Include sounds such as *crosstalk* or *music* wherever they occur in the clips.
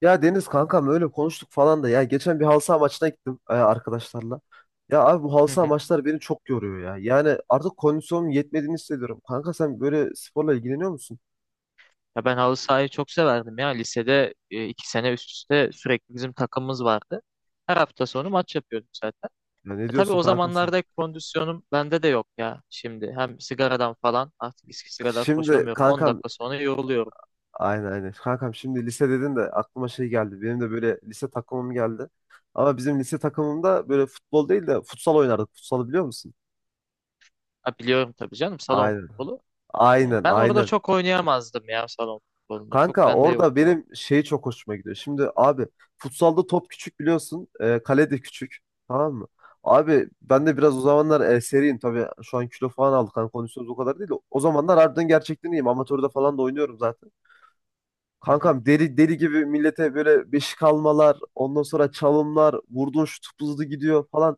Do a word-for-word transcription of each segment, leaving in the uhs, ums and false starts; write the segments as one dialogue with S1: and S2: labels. S1: Ya Deniz kankam öyle konuştuk falan da ya geçen bir halı saha maçına gittim e, arkadaşlarla. Ya abi bu halı
S2: Hı
S1: saha
S2: hı.
S1: maçları beni çok yoruyor ya. Yani artık kondisyonum yetmediğini hissediyorum. Kanka sen böyle sporla ilgileniyor musun?
S2: Ya ben halı sahayı çok severdim ya. Lisede e, iki sene üst üste sürekli bizim takımımız vardı. Her hafta sonu maç yapıyorduk zaten.
S1: Ya ne
S2: E tabii
S1: diyorsun
S2: o
S1: kanka sen?
S2: zamanlarda kondisyonum bende de yok ya şimdi. Hem sigaradan falan artık eskisi kadar
S1: Şimdi
S2: koşamıyorum. on
S1: kankam,
S2: dakika sonra yoruluyorum.
S1: aynen aynen. Kankam şimdi lise dedin de aklıma şey geldi. Benim de böyle lise takımım geldi. Ama bizim lise takımımda böyle futbol değil de futsal oynardık. Futsalı biliyor musun?
S2: Ha, biliyorum tabii canım, salon
S1: Aynen.
S2: futbolu. E,
S1: Aynen
S2: ben orada
S1: aynen.
S2: çok oynayamazdım ya, salon futbolunda. Çok
S1: Kanka
S2: bende
S1: orada
S2: yoktu o.
S1: benim şey çok hoşuma gidiyor. Şimdi abi, futsalda top küçük biliyorsun. E, kale de küçük. Tamam mı? Abi
S2: Hı
S1: ben de
S2: hı.
S1: biraz o zamanlar e, seriyim. Tabii şu an kilo falan aldık. Hani kondisyonumuz o kadar değil. de o zamanlar harbiden gerçekten iyiyim. Amatörde falan da oynuyorum zaten.
S2: Hı hı.
S1: Kankam deli deli gibi millete böyle beşik almalar, ondan sonra çalımlar, vurduğun şut hızlı gidiyor falan.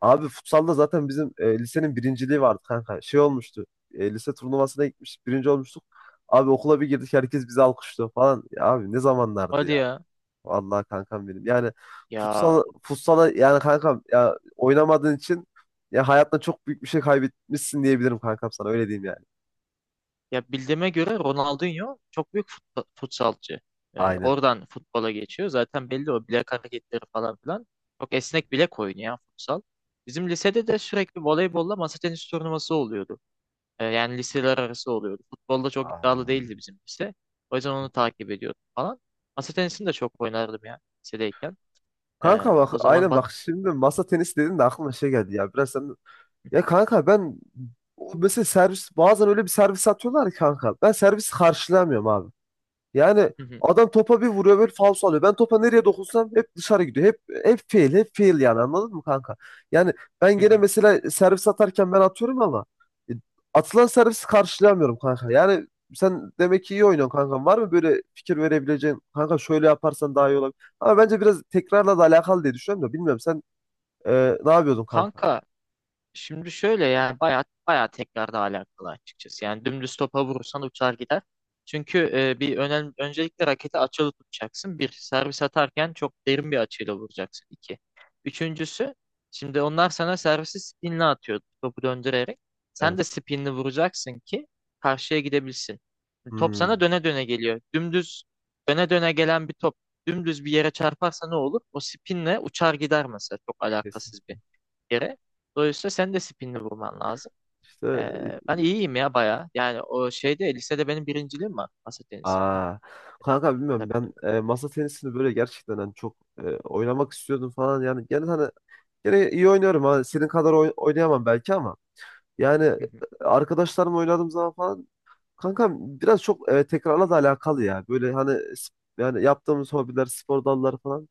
S1: Abi futsalda zaten bizim e, lisenin birinciliği vardı kanka. Şey olmuştu. E, lise turnuvasına gitmiş, birinci olmuştuk. Abi okula bir girdik, herkes bizi alkışlıyor falan. Ya abi ne zamanlardı
S2: Hadi
S1: ya.
S2: ya.
S1: Vallahi kankam benim. Yani
S2: Ya
S1: futsal futsala yani kankam, ya oynamadığın için ya hayatta çok büyük bir şey kaybetmişsin diyebilirim kankam, sana öyle diyeyim yani.
S2: Ya bildiğime göre Ronaldinho çok büyük futbol, futsalcı. Ee,
S1: Aynen.
S2: oradan futbola geçiyor. Zaten belli o bilek hareketleri falan filan. Çok esnek bilek oyunu ya futsal. Bizim lisede de sürekli voleybolla masa tenisi turnuvası oluyordu. Ee, yani liseler arası oluyordu. Futbolda çok iddialı
S1: Aa.
S2: değildi bizim lise. O yüzden onu takip ediyordum falan. Masa tenisini de çok oynardım ya, lisedeyken. Ee,
S1: Kanka bak
S2: o zaman
S1: aynen,
S2: bat...
S1: bak şimdi masa tenisi dedin de aklıma şey geldi ya biraz sen, ya kanka ben, o mesela servis bazen öyle bir servis atıyorlar ki kanka ben servis karşılayamıyorum abi. Yani adam topa bir vuruyor böyle, faul alıyor. Ben topa nereye dokunsam hep dışarı gidiyor. Hep hep fail, hep fail, yani anladın mı kanka? Yani ben gene
S2: *laughs*
S1: mesela servis atarken ben atıyorum ama e, atılan servisi karşılayamıyorum kanka. Yani sen demek ki iyi oynuyorsun kanka. Var mı böyle fikir verebileceğin kanka, şöyle yaparsan daha iyi olabilir. Ama bence biraz tekrarla da alakalı diye düşünüyorum, da bilmiyorum sen e, ne yapıyordun kanka?
S2: Kanka, şimdi şöyle, yani bayağı bayağı tekrarda alakalı açıkçası. Yani dümdüz topa vurursan uçar gider. Çünkü e, bir önemli, öncelikle raketi açılı tutacaksın. Bir, servis atarken çok derin bir açıyla vuracaksın. İki. Üçüncüsü, şimdi onlar sana servisi spinle atıyor, topu döndürerek. Sen
S1: Evet.
S2: de spinle vuracaksın ki karşıya gidebilsin. Top sana
S1: Hmm.
S2: döne döne geliyor. Dümdüz döne döne gelen bir top dümdüz bir yere çarparsa ne olur? O spinle uçar gider mesela. Çok
S1: Kesin.
S2: alakasız bir yere. Dolayısıyla sen de spinini vurman lazım.
S1: İşte.
S2: Ee, ben iyiyim ya bayağı. Yani o şeyde, lisede benim birinciliğim var masa tenisinde.
S1: Aa, kanka bilmiyorum
S2: Tabii
S1: ben
S2: tabii.
S1: e, masa tenisini böyle gerçekten hani çok e, oynamak istiyordum falan, yani gene hani gene iyi oynuyorum, hani senin kadar oy- oynayamam belki ama yani e, arkadaşlarımla oynadığım zaman falan kanka biraz çok e, tekrarla da alakalı ya, böyle hani sp- yani yaptığımız hobiler, spor dalları falan,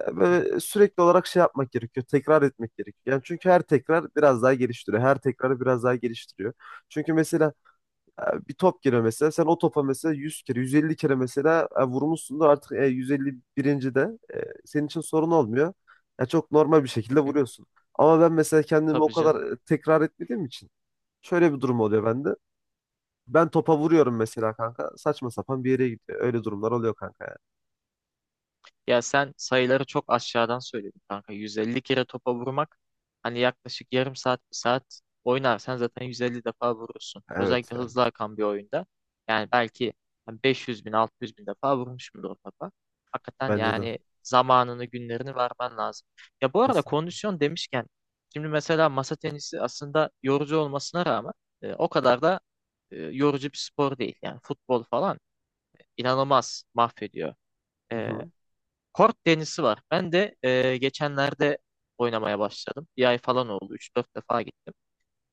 S1: ya böyle sürekli olarak şey yapmak gerekiyor, tekrar etmek gerekiyor yani, çünkü her tekrar biraz daha geliştiriyor, her tekrarı biraz daha geliştiriyor, çünkü mesela e, bir top geliyor mesela. Sen o topa mesela yüz kere, yüz elli kere mesela e, vurmuşsundur. Artık e, yüz elli birinci de e, senin için sorun olmuyor. Ya çok normal bir şekilde
S2: *laughs*
S1: vuruyorsun. Ama ben mesela kendimi o
S2: Tabii canım.
S1: kadar e, tekrar etmediğim için şöyle bir durum oluyor bende. Ben topa vuruyorum mesela kanka. Saçma sapan bir yere gidiyor. Öyle durumlar oluyor kanka yani.
S2: Ya sen sayıları çok aşağıdan söyledin kanka. yüz elli kere topa vurmak, hani yaklaşık yarım saat bir saat oynarsan zaten yüz elli defa vurursun.
S1: Evet
S2: Özellikle
S1: yani.
S2: hızlı akan bir oyunda. Yani belki hani beş yüz bin altı yüz bin defa vurmuşumdur o topa. Hakikaten
S1: Bence de.
S2: yani zamanını, günlerini vermen lazım. Ya bu arada,
S1: Kesin.
S2: kondisyon demişken, şimdi mesela masa tenisi aslında yorucu olmasına rağmen e, o kadar da e, yorucu bir spor değil. Yani futbol falan inanılmaz mahvediyor.
S1: Hı
S2: E,
S1: hı.
S2: Kort tenisi var. Ben de e, geçenlerde oynamaya başladım. Bir ay falan oldu. Üç dört defa gittim.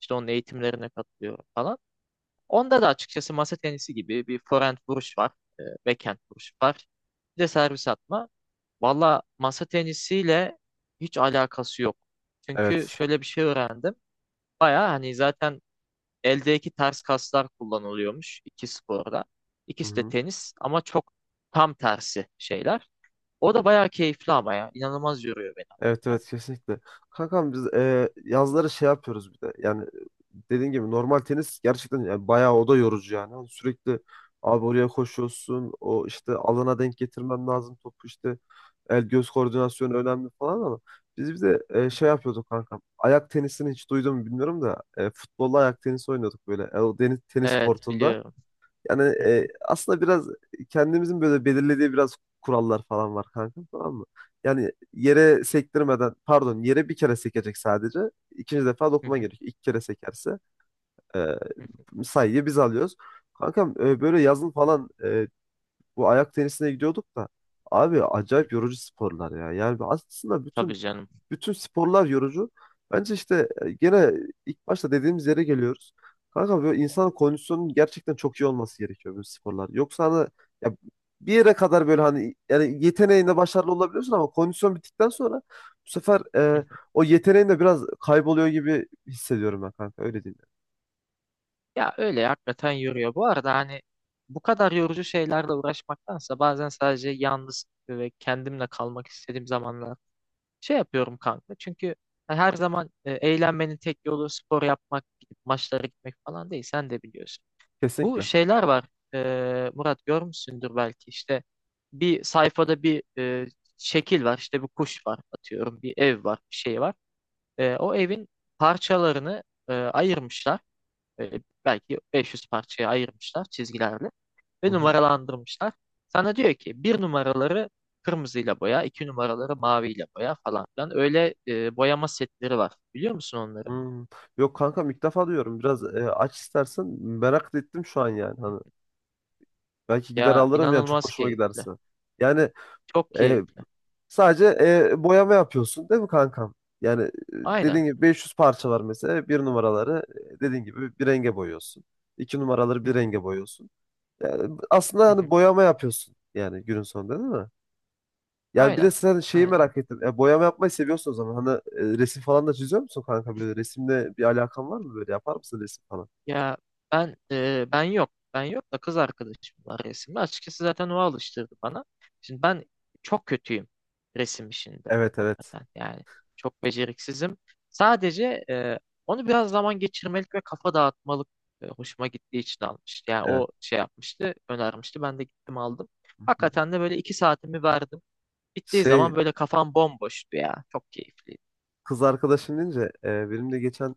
S2: İşte onun eğitimlerine katılıyorum falan. Onda da açıkçası masa tenisi gibi bir forehand vuruş var. E, backhand vuruş var. Bir de servis atma. Valla masa tenisiyle hiç alakası yok. Çünkü
S1: Evet.
S2: şöyle bir şey öğrendim. Baya hani zaten eldeki ters kaslar kullanılıyormuş iki sporda.
S1: Hı
S2: İkisi de
S1: hı.
S2: tenis ama çok tam tersi şeyler. O da bayağı keyifli ama ya. İnanılmaz yoruyor beni.
S1: Evet
S2: Yani.
S1: evet, kesinlikle. Kankam biz e, yazları şey yapıyoruz bir de. Yani dediğin gibi normal tenis gerçekten yani bayağı o da yorucu yani. Hani sürekli abi oraya koşuyorsun. O işte alana denk getirmen lazım topu işte. El göz koordinasyonu önemli falan, ama biz bir de e, şey yapıyorduk kankam. Ayak tenisini hiç duydun mu bilmiyorum da, e, futbolla ayak tenisi oynuyorduk böyle. E, o deniz, tenis
S2: Evet,
S1: kortunda.
S2: biliyorum.
S1: Yani
S2: Hı
S1: e,
S2: hı,
S1: aslında biraz kendimizin böyle belirlediği biraz kurallar falan var kanka, tamam mı? Yani yere sektirmeden, pardon, yere bir kere sekecek sadece. İkinci defa
S2: hı
S1: dokuma
S2: hı,
S1: gerek. İlk kere sekerse e,
S2: hı hı, hı
S1: sayıyı biz alıyoruz. Kankam e, böyle yazın falan e, bu ayak tenisine gidiyorduk da abi,
S2: hı.
S1: acayip yorucu sporlar ya. Yani aslında
S2: Tabii
S1: bütün
S2: canım.
S1: bütün sporlar yorucu. Bence işte e, gene ilk başta dediğimiz yere geliyoruz. Kanka böyle insanın kondisyonunun gerçekten çok iyi olması gerekiyor böyle sporlar. Yoksa hani, ya, bir yere kadar böyle hani yani yeteneğinde başarılı olabiliyorsun, ama kondisyon bittikten sonra bu sefer
S2: Hı
S1: e,
S2: hı.
S1: o yeteneğin de biraz kayboluyor gibi hissediyorum ben kanka, öyle değil mi?
S2: Ya öyle, hakikaten yoruyor. Bu arada hani, bu kadar yorucu şeylerle uğraşmaktansa bazen sadece yalnız ve kendimle kalmak istediğim zamanlar şey yapıyorum kanka, çünkü her zaman e, eğlenmenin tek yolu spor yapmak, gidip maçlara gitmek falan değil, sen de biliyorsun. Bu
S1: Kesinlikle.
S2: şeyler var e, Murat, görmüşsündür belki, işte bir sayfada bir e, şekil var. İşte bir kuş var, atıyorum, bir ev var, bir şey var. E, o evin parçalarını e, ayırmışlar. E, belki beş yüz parçaya ayırmışlar çizgilerle
S1: Hı
S2: ve
S1: hı.
S2: numaralandırmışlar. Sana diyor ki, bir numaraları kırmızıyla boya, iki numaraları maviyle boya falan filan. Öyle e, boyama setleri var. Biliyor musun onları?
S1: Hmm. Yok kanka, ilk defa diyorum. Biraz e, aç istersen, merak da ettim şu an yani. Hani belki gider
S2: Ya
S1: alırım yani çok
S2: inanılmaz
S1: hoşuma
S2: keyifli.
S1: giderse. Yani.
S2: Çok
S1: E,
S2: keyifli.
S1: Sadece e, boyama yapıyorsun değil mi kankam? Yani e,
S2: Aynen.
S1: dediğin gibi beş yüz parça var mesela. Bir numaraları e, dediğin gibi bir renge boyuyorsun. İki numaraları
S2: Hı
S1: bir
S2: hı,
S1: renge boyuyorsun. Yani aslında
S2: hı
S1: hani
S2: hı.
S1: boyama yapıyorsun yani günün sonunda, değil mi? Yani bir de
S2: Aynen.
S1: sen, şeyi
S2: Aynen.
S1: merak ettim. E, boyama yapmayı seviyorsun o zaman. Hani e, resim falan da çiziyor musun kanka? Böyle resimle bir alakan var mı böyle? Yapar mısın resim falan?
S2: Ya, ben e, ben yok. Ben yok da kız arkadaşım var resimde. Açıkçası zaten o alıştırdı bana. Şimdi ben çok kötüyüm resim işinde.
S1: Evet evet.
S2: Hakikaten yani, çok beceriksizim. Sadece e, onu biraz zaman geçirmelik ve kafa dağıtmalık e, hoşuma gittiği için almıştı. Yani
S1: Evet.
S2: o, şey yapmıştı, önermişti. Ben de gittim aldım.
S1: Hı hı.
S2: Hakikaten de böyle iki saatimi verdim. Bittiği
S1: Şey,
S2: zaman böyle kafam bomboştu ya. Çok keyifliydi.
S1: kız arkadaşım deyince e, benim de geçen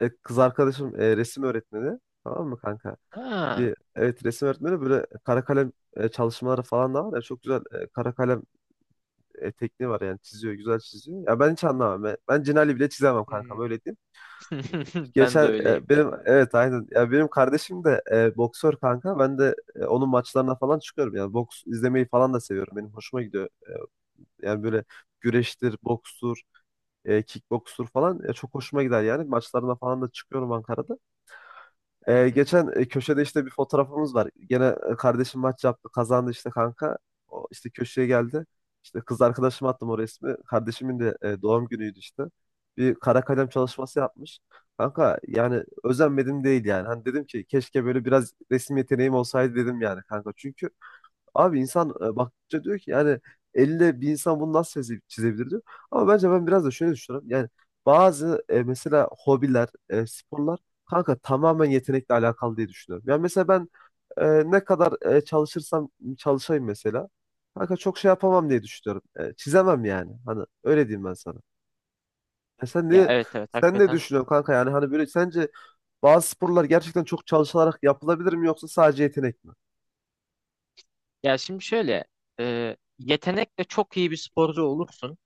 S1: e, kız arkadaşım e, resim öğretmeni. Tamam mı kanka?
S2: Ha.
S1: Bir evet, resim öğretmeni, böyle kara kalem e, çalışmaları falan da var ya, çok güzel e, kara kalem e, tekniği var yani, çiziyor, güzel çiziyor. Ya ben hiç anlamam. Ben, ben Cinali bile çizemem kanka,
S2: Hmm.
S1: böyle diyeyim.
S2: *laughs* Ben de
S1: Geçen
S2: öyleyim
S1: e,
S2: yani.
S1: benim, evet aynen ya, benim kardeşim de e, boksör kanka. Ben de e, onun maçlarına falan çıkıyorum, yani boks izlemeyi falan da seviyorum. Benim hoşuma gidiyor. Yani böyle güreştir, bokstur, e, kickbokstur falan e, çok hoşuma gider yani, maçlarına falan da çıkıyorum Ankara'da.
S2: Hı
S1: Ee,
S2: hı.
S1: geçen e, köşede işte bir fotoğrafımız var. Gene e, kardeşim maç yaptı, kazandı işte kanka. O işte köşeye geldi. İşte kız arkadaşıma attım o resmi. Kardeşimin de e, doğum günüydü işte. Bir kara kalem çalışması yapmış. Kanka yani özenmedim değil yani. Hani dedim ki keşke böyle biraz resim yeteneğim olsaydı, dedim yani kanka. Çünkü abi insan e, baktıkça diyor ki yani, elle bir insan bunu nasıl çize- çizebilir diyor. Ama bence ben biraz da şöyle düşünüyorum. Yani bazı e, mesela hobiler, e, sporlar kanka tamamen yetenekle alakalı diye düşünüyorum. Yani mesela ben e, ne kadar e, çalışırsam çalışayım mesela, kanka çok şey yapamam diye düşünüyorum. E, çizemem yani. Hani öyle diyeyim ben sana. Ya sen
S2: Ya,
S1: ne
S2: evet evet,
S1: Sen ne
S2: hakikaten.
S1: düşünüyorsun kanka, yani hani böyle sence bazı sporlar gerçekten çok çalışılarak yapılabilir mi yoksa sadece yetenek mi?
S2: Ya şimdi şöyle, e, yetenekle çok iyi bir sporcu olursun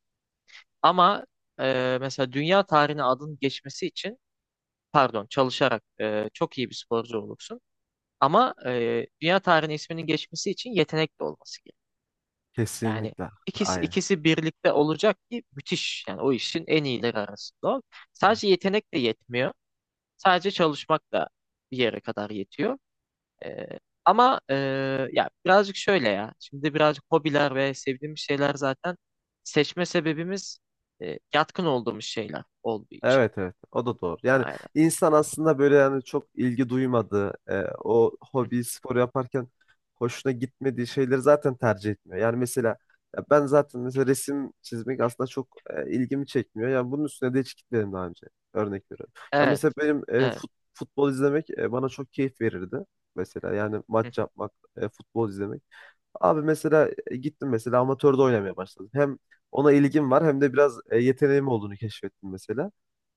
S2: ama e, mesela dünya tarihine adın geçmesi için, pardon, çalışarak e, çok iyi bir sporcu olursun, ama e, dünya tarihine isminin geçmesi için yetenekli olması gerekiyor. Yani
S1: Kesinlikle.
S2: ikisi,
S1: Aynen.
S2: ikisi birlikte olacak ki müthiş, yani o işin en iyileri arasında ol. Sadece yetenek de yetmiyor, sadece çalışmak da bir yere kadar yetiyor. Ee, Ama eee, ya birazcık şöyle ya. Şimdi birazcık hobiler ve sevdiğimiz şeyler zaten seçme sebebimiz e, yatkın olduğumuz şeyler olduğu için.
S1: Evet evet, o da doğru. Yani
S2: Aynen.
S1: insan aslında böyle yani çok ilgi duymadığı e, o
S2: Hı hı.
S1: hobi, spor yaparken hoşuna gitmediği şeyleri zaten tercih etmiyor. Yani mesela ya ben zaten mesela resim çizmek aslında çok e, ilgimi çekmiyor. Yani bunun üstüne de hiç gitmedim daha önce. Örnek veriyorum. Ya
S2: Evet.
S1: mesela benim e,
S2: Evet.
S1: fut- futbol izlemek e, bana çok keyif verirdi. Mesela yani
S2: Hı
S1: maç
S2: hı,
S1: yapmak, e, futbol izlemek. Abi mesela e, gittim, mesela amatörde oynamaya başladım. Hem ona ilgim var, hem de biraz e, yeteneğim olduğunu keşfettim mesela.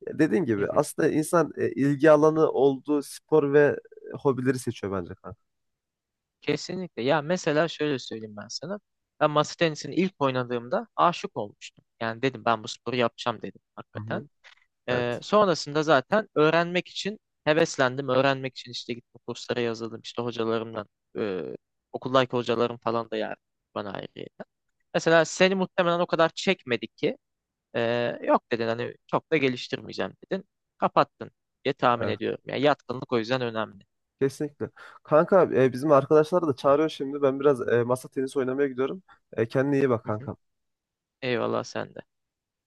S1: Dediğim
S2: hı
S1: gibi
S2: hı.
S1: aslında insan e, ilgi alanı olduğu spor ve e, hobileri seçiyor bence kanka.
S2: Kesinlikle. Ya mesela şöyle söyleyeyim ben sana. Ben masa tenisini ilk oynadığımda aşık olmuştum. Yani dedim, ben bu sporu yapacağım dedim,
S1: Hı
S2: hakikaten.
S1: hı.
S2: Ee,
S1: Evet.
S2: sonrasında zaten öğrenmek için heveslendim. Öğrenmek için işte gittim, kurslara yazıldım. İşte hocalarımdan, e, okuldaki hocalarım falan da yani bana ayrıyeten. Mesela seni muhtemelen o kadar çekmedi ki, e, yok dedin, hani çok da geliştirmeyeceğim dedin. Kapattın diye tahmin
S1: Evet.
S2: ediyorum. Yani yatkınlık, o yüzden önemli.
S1: Kesinlikle. Kanka e, bizim arkadaşları da çağırıyor şimdi. Ben biraz e, masa tenisi oynamaya gidiyorum. E, kendine iyi bak
S2: Hı hı.
S1: kanka.
S2: Eyvallah, sen de.